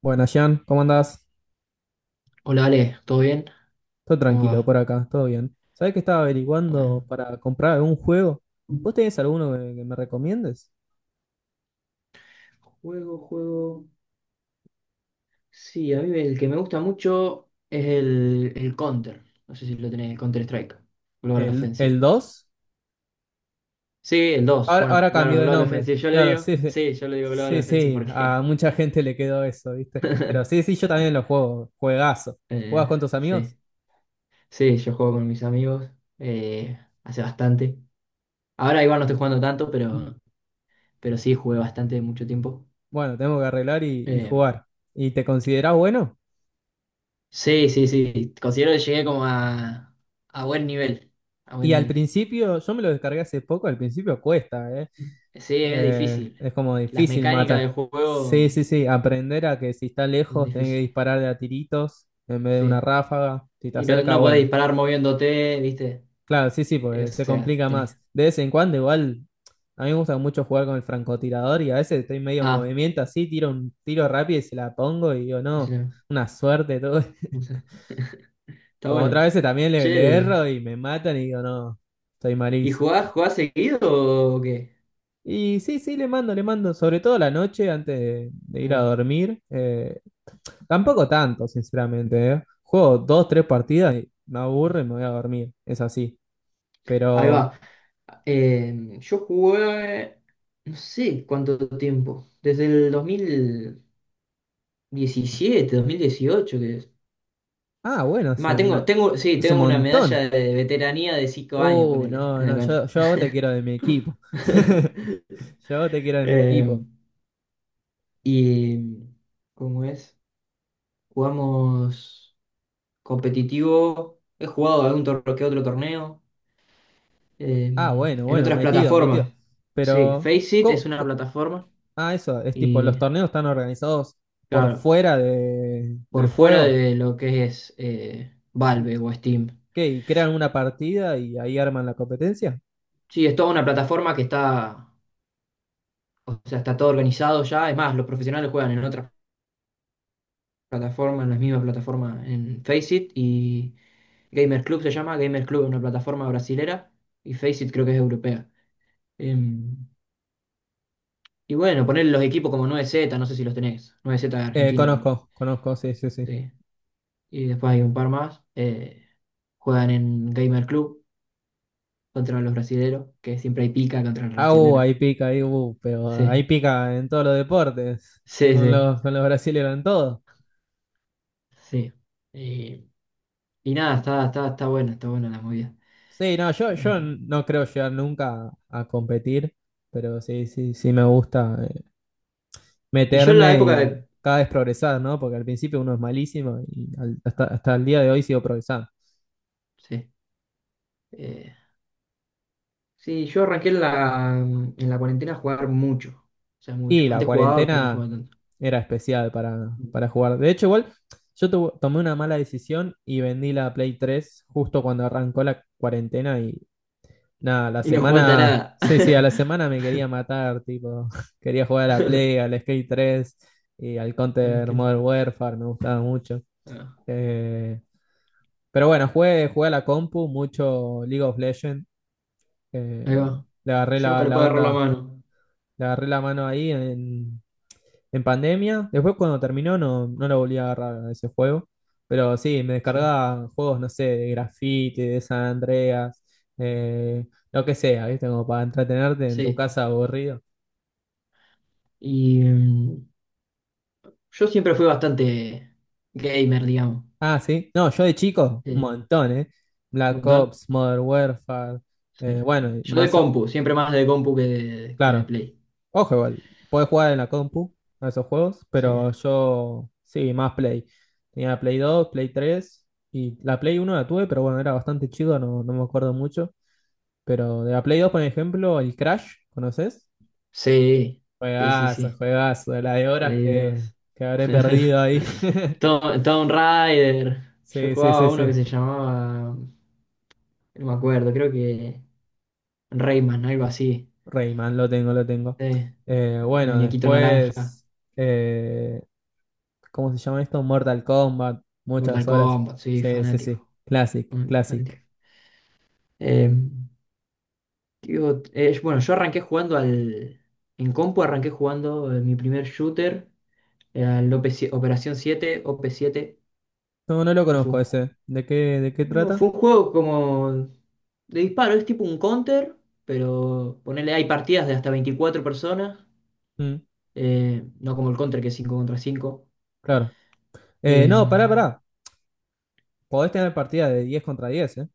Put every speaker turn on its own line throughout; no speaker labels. Bueno, Jean, ¿cómo andás?
Hola Ale, ¿todo bien?
Todo
¿Cómo
tranquilo
va?
por acá, todo bien. ¿Sabés que estaba
Bueno,
averiguando para comprar algún juego? ¿Vos tenés alguno que me recomiendes?
juego, juego. Sí, a mí el que me gusta mucho es el Counter. No sé si lo tenés, el Counter Strike. Global
¿El
Offensive.
dos?
Sí, el dos.
Ahora,
Bueno,
ahora
claro,
cambió de
Global
nombre.
Offensive yo le
Claro,
digo.
sí, sí,
Sí, yo le digo Global
sí,
Offensive
sí, a
porque.
mucha gente le quedó eso, ¿viste? Pero sí, sí, yo también lo juego, juegazo. ¿Jugás
eh,
con tus amigos?
sí. Sí, yo juego con mis amigos eh, hace bastante. Ahora igual no estoy jugando tanto, pero sí jugué bastante mucho tiempo.
Bueno, tengo que arreglar y
Eh,
jugar. ¿Y te considerás bueno?
Sí, sí, sí. Considero que llegué como a buen nivel. A buen
Y al
nivel.
principio, yo me lo descargué hace poco, al principio cuesta, ¿eh?
Sí, es difícil.
Es como
Las
difícil
mecánicas
matar.
del juego
Sí, sí, sí. Aprender a que si está
son
lejos tenés que
difíciles.
disparar de a tiritos en vez de una
Sí.
ráfaga. Si está
Y no,
cerca,
no podés
bueno.
disparar moviéndote, ¿viste?
Claro, sí, sí,
O
porque se
sea,
complica
tenés.
más. De vez en cuando, igual, a mí me gusta mucho jugar con el francotirador y a veces estoy medio en
Ah,
movimiento así, tiro un tiro rápido y se la pongo y digo,
y se
no,
la-
una suerte, todo.
no sé. Está
Como otras
bueno.
veces también le
Che,
erro y me matan y digo, no, estoy
¿y
malísimo.
jugás seguido o qué?
Y sí, sí, le mando, sobre todo a la noche antes de
Ahí
ir a
va.
dormir. Tampoco tanto, sinceramente, ¿eh? Juego dos, tres partidas y me
Sí.
aburro y me voy a dormir. Es así.
Ahí
Pero,
va. Yo jugué, no sé cuánto tiempo, desde el dos mil, 17, 2018, que es.
ah, bueno,
Es
sí,
más, tengo, tengo, sí,
es un
tengo una
montón.
medalla de veteranía de 5 años, ponele,
No,
en la
no,
cuenta.
yo te quiero de mi equipo. Yo te quiero de mi
Eh,
equipo.
y, ¿Cómo es? Jugamos competitivo. He jugado algún torneo que otro torneo,
Ah, bueno,
en
bueno,
otras
metido, metido.
plataformas. Sí,
Pero,
Faceit es
co-
una
co-
plataforma.
ah, eso, es tipo, los
Y,
torneos están organizados por
claro,
fuera
por
del
fuera
juego.
de lo que es
¿Y
Valve o Steam.
¿Qué? ¿Y crean una partida y ahí arman la competencia?
Sí, es toda una plataforma que está O sea, está todo organizado ya. Es más, los profesionales juegan en otras plataformas, en las mismas plataformas, en Faceit y Gamer Club se llama. Gamer Club es una plataforma brasilera y Faceit creo que es europea. Em, y bueno, poner los equipos como 9Z, no sé si los tenés. 9Z argentino, ponele.
Conozco, conozco, sí, sí, sí.
Sí. Y después hay un par más, juegan en Gamer Club contra los brasileros, que siempre hay pica contra los
Ah,
brasileros.
ahí pica, ahí, pero
Sí,
ahí pica en todos los deportes,
sí,
con
sí.
los, con los brasileños en todo.
Sí. Y, y nada, está buena, está buena la movida.
Sí, no, yo
Em,
no creo llegar nunca a competir, pero sí, sí, sí me gusta
Y yo en la
meterme
época
y
de...
cada vez progresar, ¿no? Porque al principio uno es malísimo y hasta el día de hoy sigo progresando.
Sí, eh, sí, yo arranqué en la cuarentena a jugar mucho. O sea, mucho.
Y la
Antes jugaba, pero no
cuarentena
jugaba tanto.
era especial para jugar. De hecho, igual yo tomé una mala decisión y vendí la Play 3 justo cuando arrancó la cuarentena. Nada, la
Y no jugaba hasta
semana.
nada.
Sí, sí, a la semana me quería matar, tipo. Quería jugar a la Play, al Skate 3 y al
Es
Counter
que-
Modern Warfare, me gustaba mucho.
ah,
Eh, pero bueno, jugué, jugué a la compu, mucho League of Legends. eh,
ahí va.
Le agarré
Yo nunca
la,
le
la
puedo agarrar la
onda,
mano.
le agarré la mano ahí en pandemia. Después cuando terminó no, no lo volví a agarrar a ese juego. Pero sí, me
Sí,
descargaba juegos, no sé, de Graffiti, de San Andreas, eh, lo que sea, ¿viste? Como para entretenerte en tu
sí.
casa aburrido.
Y yo siempre fui bastante gamer, digamos.
Ah, sí. No, yo de chico, un
Sí,
montón, ¿eh?
un
Black
montón.
Ops, Modern Warfare,
Sí.
bueno, y
Yo de
más,
compu, siempre más de compu que de
claro.
play.
Ojo, igual, podés jugar en la compu a esos juegos,
Sí,
pero yo sí, más Play. Tenía Play 2, Play 3 y la Play 1 la tuve, pero bueno, era bastante chido, no, no me acuerdo mucho. Pero de la Play 2, por ejemplo, el Crash, ¿conoces?
sí, sí, sí,
Juegazo,
sí.
juegazo, de la de horas
Play
que,
dos.
que habré perdido ahí.
Tomb Raider. Yo
Sí, sí,
jugaba
sí,
uno que
sí.
se llamaba, no me acuerdo. Creo que Rayman, algo así.
Rayman, lo tengo, lo tengo.
Sí. El
Bueno,
muñequito naranja.
después eh, ¿cómo se llama esto? Mortal Kombat,
Mortal
muchas horas.
Kombat, sí,
Sí, sí, sí.
fanático.
Classic,
Fanático, fanático.
classic.
Eh, Digo, bueno, yo arranqué jugando al. En compu arranqué jugando mi primer shooter, al el OP7 Operación 7, op siete,
No, no lo
que fue
conozco
un
ese. ¿De qué
no,
trata?
fue un juego como de disparo, es tipo un counter, pero ponele, hay partidas de hasta 24 personas,
Mm,
no como el counter que es 5 contra 5,
claro.
eh,
No, pará, pará. Podés tener partida de 10 contra 10, ¿eh?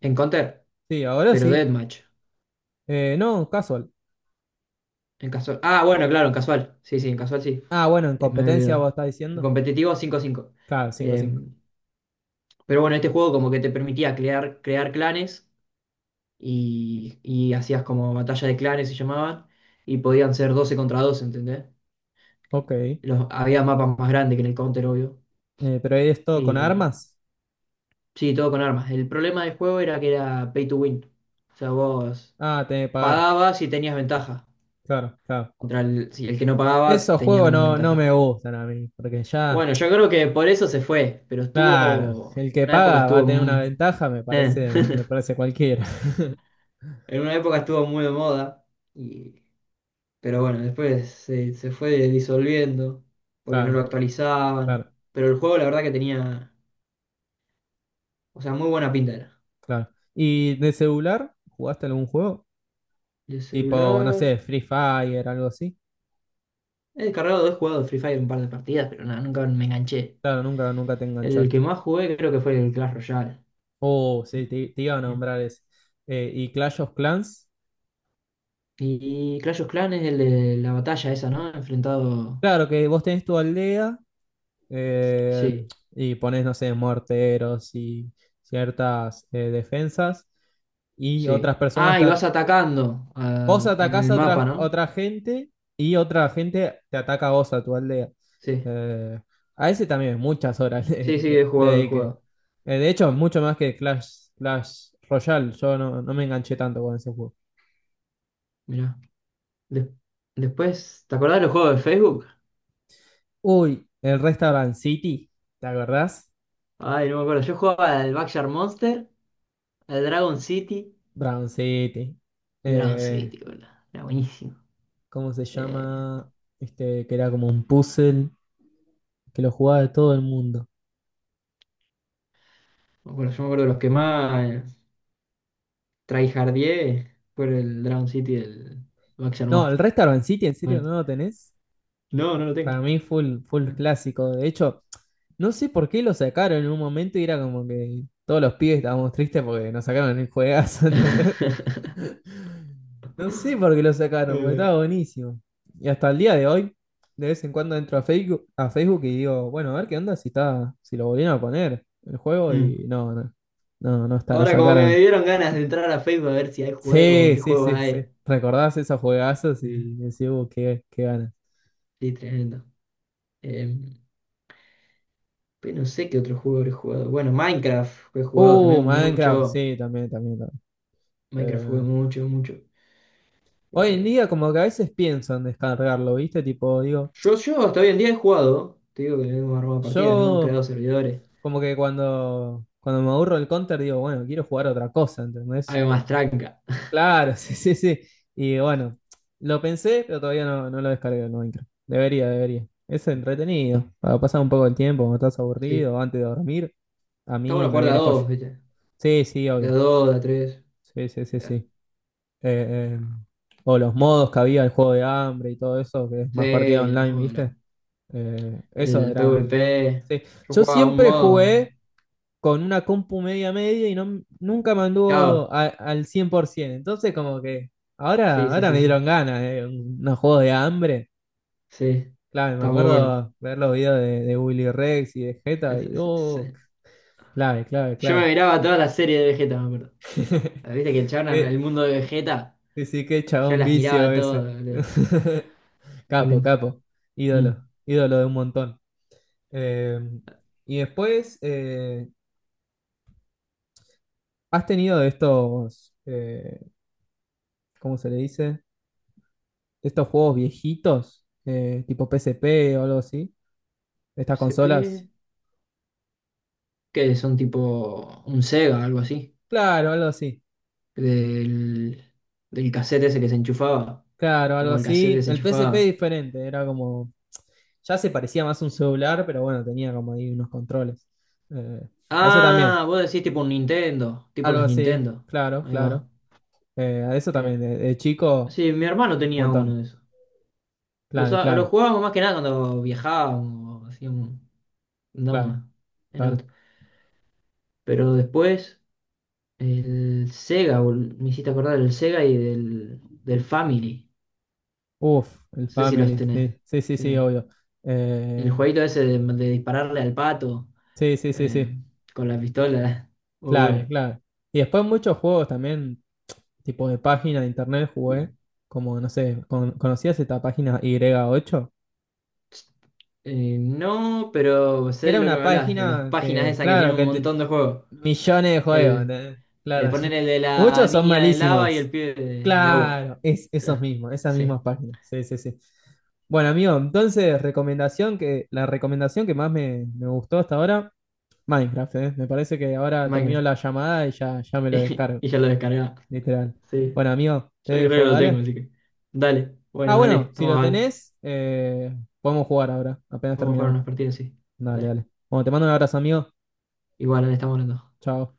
en counter,
Sí, ahora
pero
sí.
deathmatch.
No, casual.
En casual. Ah, bueno, claro, en casual. Sí, sí, en casual sí.
Ah, bueno, en
Me había
competencia
olvidado.
vos estás
En
diciendo.
competitivo cinco 5.
Claro, cinco,
Eh,
cinco.
pero bueno, este juego como que te permitía crear clanes y hacías como batalla de clanes se llamaban, y podían ser 12 contra 12, ¿entendés?
Ok.
Había mapas más grandes que en el Counter, obvio.
Pero es todo con
Eh,
armas.
sí, todo con armas. El problema del juego era que era pay to win. O sea, vos
Ah, tenés que pagar.
pagabas y tenías ventaja.
Claro, claro.
Si el que no pagaba
Esos
tenía
juegos
menos
no, no me
ventaja.
gustan a mí, porque ya.
Bueno, yo creo que por eso se fue, pero
Claro,
estuvo,
el que
una época
paga va a
estuvo,
tener una
mm,
ventaja,
eh.
me parece cualquiera.
En una época estuvo muy de moda, y, pero bueno, después se fue disolviendo porque no lo
Claro,
actualizaban,
claro,
pero el juego la verdad que tenía, o sea, muy buena pinta era.
claro. ¿Y de celular? ¿Jugaste algún juego?
De
Tipo, no
celular.
sé, Free Fire, algo así.
He descargado, he jugado Free Fire un par de partidas, pero nada, nunca me enganché.
Claro, nunca, nunca te
El
enganchaste.
que más jugué creo que fue el Clash Royale.
Oh, sí, te iba a nombrar ese. Y Clash of Clans.
Y Clash of Clans es el de la batalla esa, ¿no? Enfrentado.
Claro que vos tenés tu aldea eh,
Sí,
y ponés, no sé, morteros y ciertas defensas y otras
sí.
personas.
Ah, y vas atacando,
Vos
en
atacás
el
a
mapa,
otra,
¿no?
otra gente y otra gente te ataca a vos, a tu aldea.
Sí,
Eh, a ese también muchas horas
sí,
le,
sí, he
le- le
jugado, he
dediqué.
jugado.
De hecho, mucho más que Clash Royale. Yo no, no me enganché tanto con ese juego.
Mirá. De- después, ¿te acordás de los juegos de Facebook?
Uy, el Restaurant City, ¿te acordás?
Ay, no me acuerdo. Yo jugaba al Backyard Monster, al Dragon City.
Brown City.
El Dragon
Eh,
City, boludo. Era buenísimo.
¿Cómo se
Eh,
llama? Este, que era como un puzzle que lo jugaba todo el mundo.
Bueno, yo me acuerdo de los que más tryhardié fue el Drown City del Vaxxer
No, el
Monster.
Restaurant City, ¿en serio
Fuerte.
no lo tenés?
No, no lo tengo.
Para mí full, full
Bueno.
clásico. De hecho, no sé por qué lo sacaron en un momento y era como que todos los pibes estábamos tristes porque nos sacaron el juegazo, ¿entendés? No sé por qué lo sacaron, porque
Eh,
estaba buenísimo. Y hasta el día de hoy, de vez en cuando entro a Facebook, y digo, bueno, a ver qué onda si está, si lo volvieron a poner el juego y
mm.
no, no, no, no está, lo
Ahora como que me
sacaron.
dieron ganas de entrar a Facebook a ver si hay juegos o
Sí,
qué
sí,
juegos
sí, sí.
hay.
Recordás esos juegazos
Eh,
y decís, qué ganas.
Sí, tremendo. Eh, pero no sé qué otro juego he jugado. Bueno, Minecraft he jugado también
Minecraft,
mucho.
sí, también, también.
Minecraft
Eh,
jugué mucho, mucho.
Hoy en
Eh,
día como que a veces pienso en descargarlo, ¿viste? Tipo, digo,
yo hasta hoy en día he jugado. Te digo que hemos armado partidas, ¿no? Hemos
yo
creado servidores.
como que cuando me aburro del Counter digo, bueno, quiero jugar otra cosa, ¿entendés?
Algo más tranca.
Claro, sí, sí, sí. Y bueno, lo pensé, pero todavía no, no lo descargué el Minecraft. Debería, debería. Es entretenido. Para pasar un poco el tiempo, cuando estás
Sí.
aburrido, antes de dormir, a
Está
mí
bueno
me
jugar de a
viene joya.
dos, ¿viste?
Sí, sí,
De a
obvio.
dos, de a tres.
Sí, sí, sí, sí.
Claro.
Eh, eh, o los modos que había, el juego de hambre y todo eso, que es más partida
Sí, los
online,
juegos,
¿viste? Eso
el
era.
PvP.
Sí.
Yo
Yo
jugaba un
siempre
modo.
jugué con una compu media media y no, nunca me
Cabo.
anduvo al 100%. Entonces, como que
Sí,
ahora,
sí,
ahora
sí,
me
sí.
dieron ganas de unos juegos de hambre.
Sí.
Clave, me
Está muy bueno.
acuerdo ver los videos de Willy Rex y de Jetta y oh,
Sí.
clave, clave,
Yo me
clave.
miraba toda la serie de Vegeta, me acuerdo. Viste que el chabón, el
Qué-
mundo de Vegeta,
Sí, sí, qué
yo
chabón
las
vicio
miraba
ese.
todas, boludo. Muy
Capo,
lindo.
capo.
Mm.
Ídolo. Ídolo de un montón. Eh, y después, ¿has tenido de estos, cómo se le dice? De estos juegos viejitos, tipo PSP o algo así, de estas
PSP.
consolas.
Que son tipo un Sega, algo así.
Claro, algo así.
Del, del cassette ese que se enchufaba.
Claro, algo
Como el cassette que
así.
se
El PSP
enchufaba.
diferente, era como, ya se parecía más a un celular, pero bueno, tenía como ahí unos controles. Eh, a eso también,
Ah, vos decís tipo un Nintendo, tipo
algo
los
así,
Nintendo.
claro,
Ahí va.
claro. A eso
Eh,
también, de chico,
sí, mi hermano
un
tenía uno
montón.
de esos. Lo
Clave,
usaba- lo
clave,
jugábamos más que nada cuando viajábamos, hacíamos,
claro,
andábamos en auto.
claro.
Pero después, el Sega, me hiciste acordar del Sega y del Family.
Uf, el
No sé si los
Family,
tenés.
sí, sí, sí, sí,
Sí.
obvio.
El
Eh,
jueguito ese de dispararle al pato,
sí, sí, sí,
eh,
sí.
con la pistola. Muy
Clave,
bueno.
clave. Y después muchos juegos también, tipo de página de internet jugué, como no sé, ¿conocías esta página Y8?
No, pero sé de
Era
lo que
una
me hablas, de las
página
páginas
que,
esas que
claro,
tienen un montón de juegos.
millones de juegos,
El,
¿entendés? Claro.
el poner el de la
Muchos son
niña de lava y
malísimos.
el pibe de agua.
Claro, esas
Sí,
mismas páginas. Sí, sí, sí. Bueno, amigo, entonces, la recomendación que más me gustó hasta ahora, Minecraft, ¿eh? Me parece que ahora termino
Minecraft.
la llamada y ya me lo descargo.
Y, ya lo descargaba.
Literal.
Sí,
Bueno, amigo, te
yo creo que
dejo,
lo tengo,
dale.
así que. Dale,
Ah,
bueno, dale,
bueno, si
estamos
lo
al.
tenés, podemos jugar ahora, apenas
Vamos a jugar
terminamos.
unas partidas, sí.
Dale,
Dale,
dale. Bueno, te mando un abrazo, amigo.
igual, dale, estamos hablando.
Chao.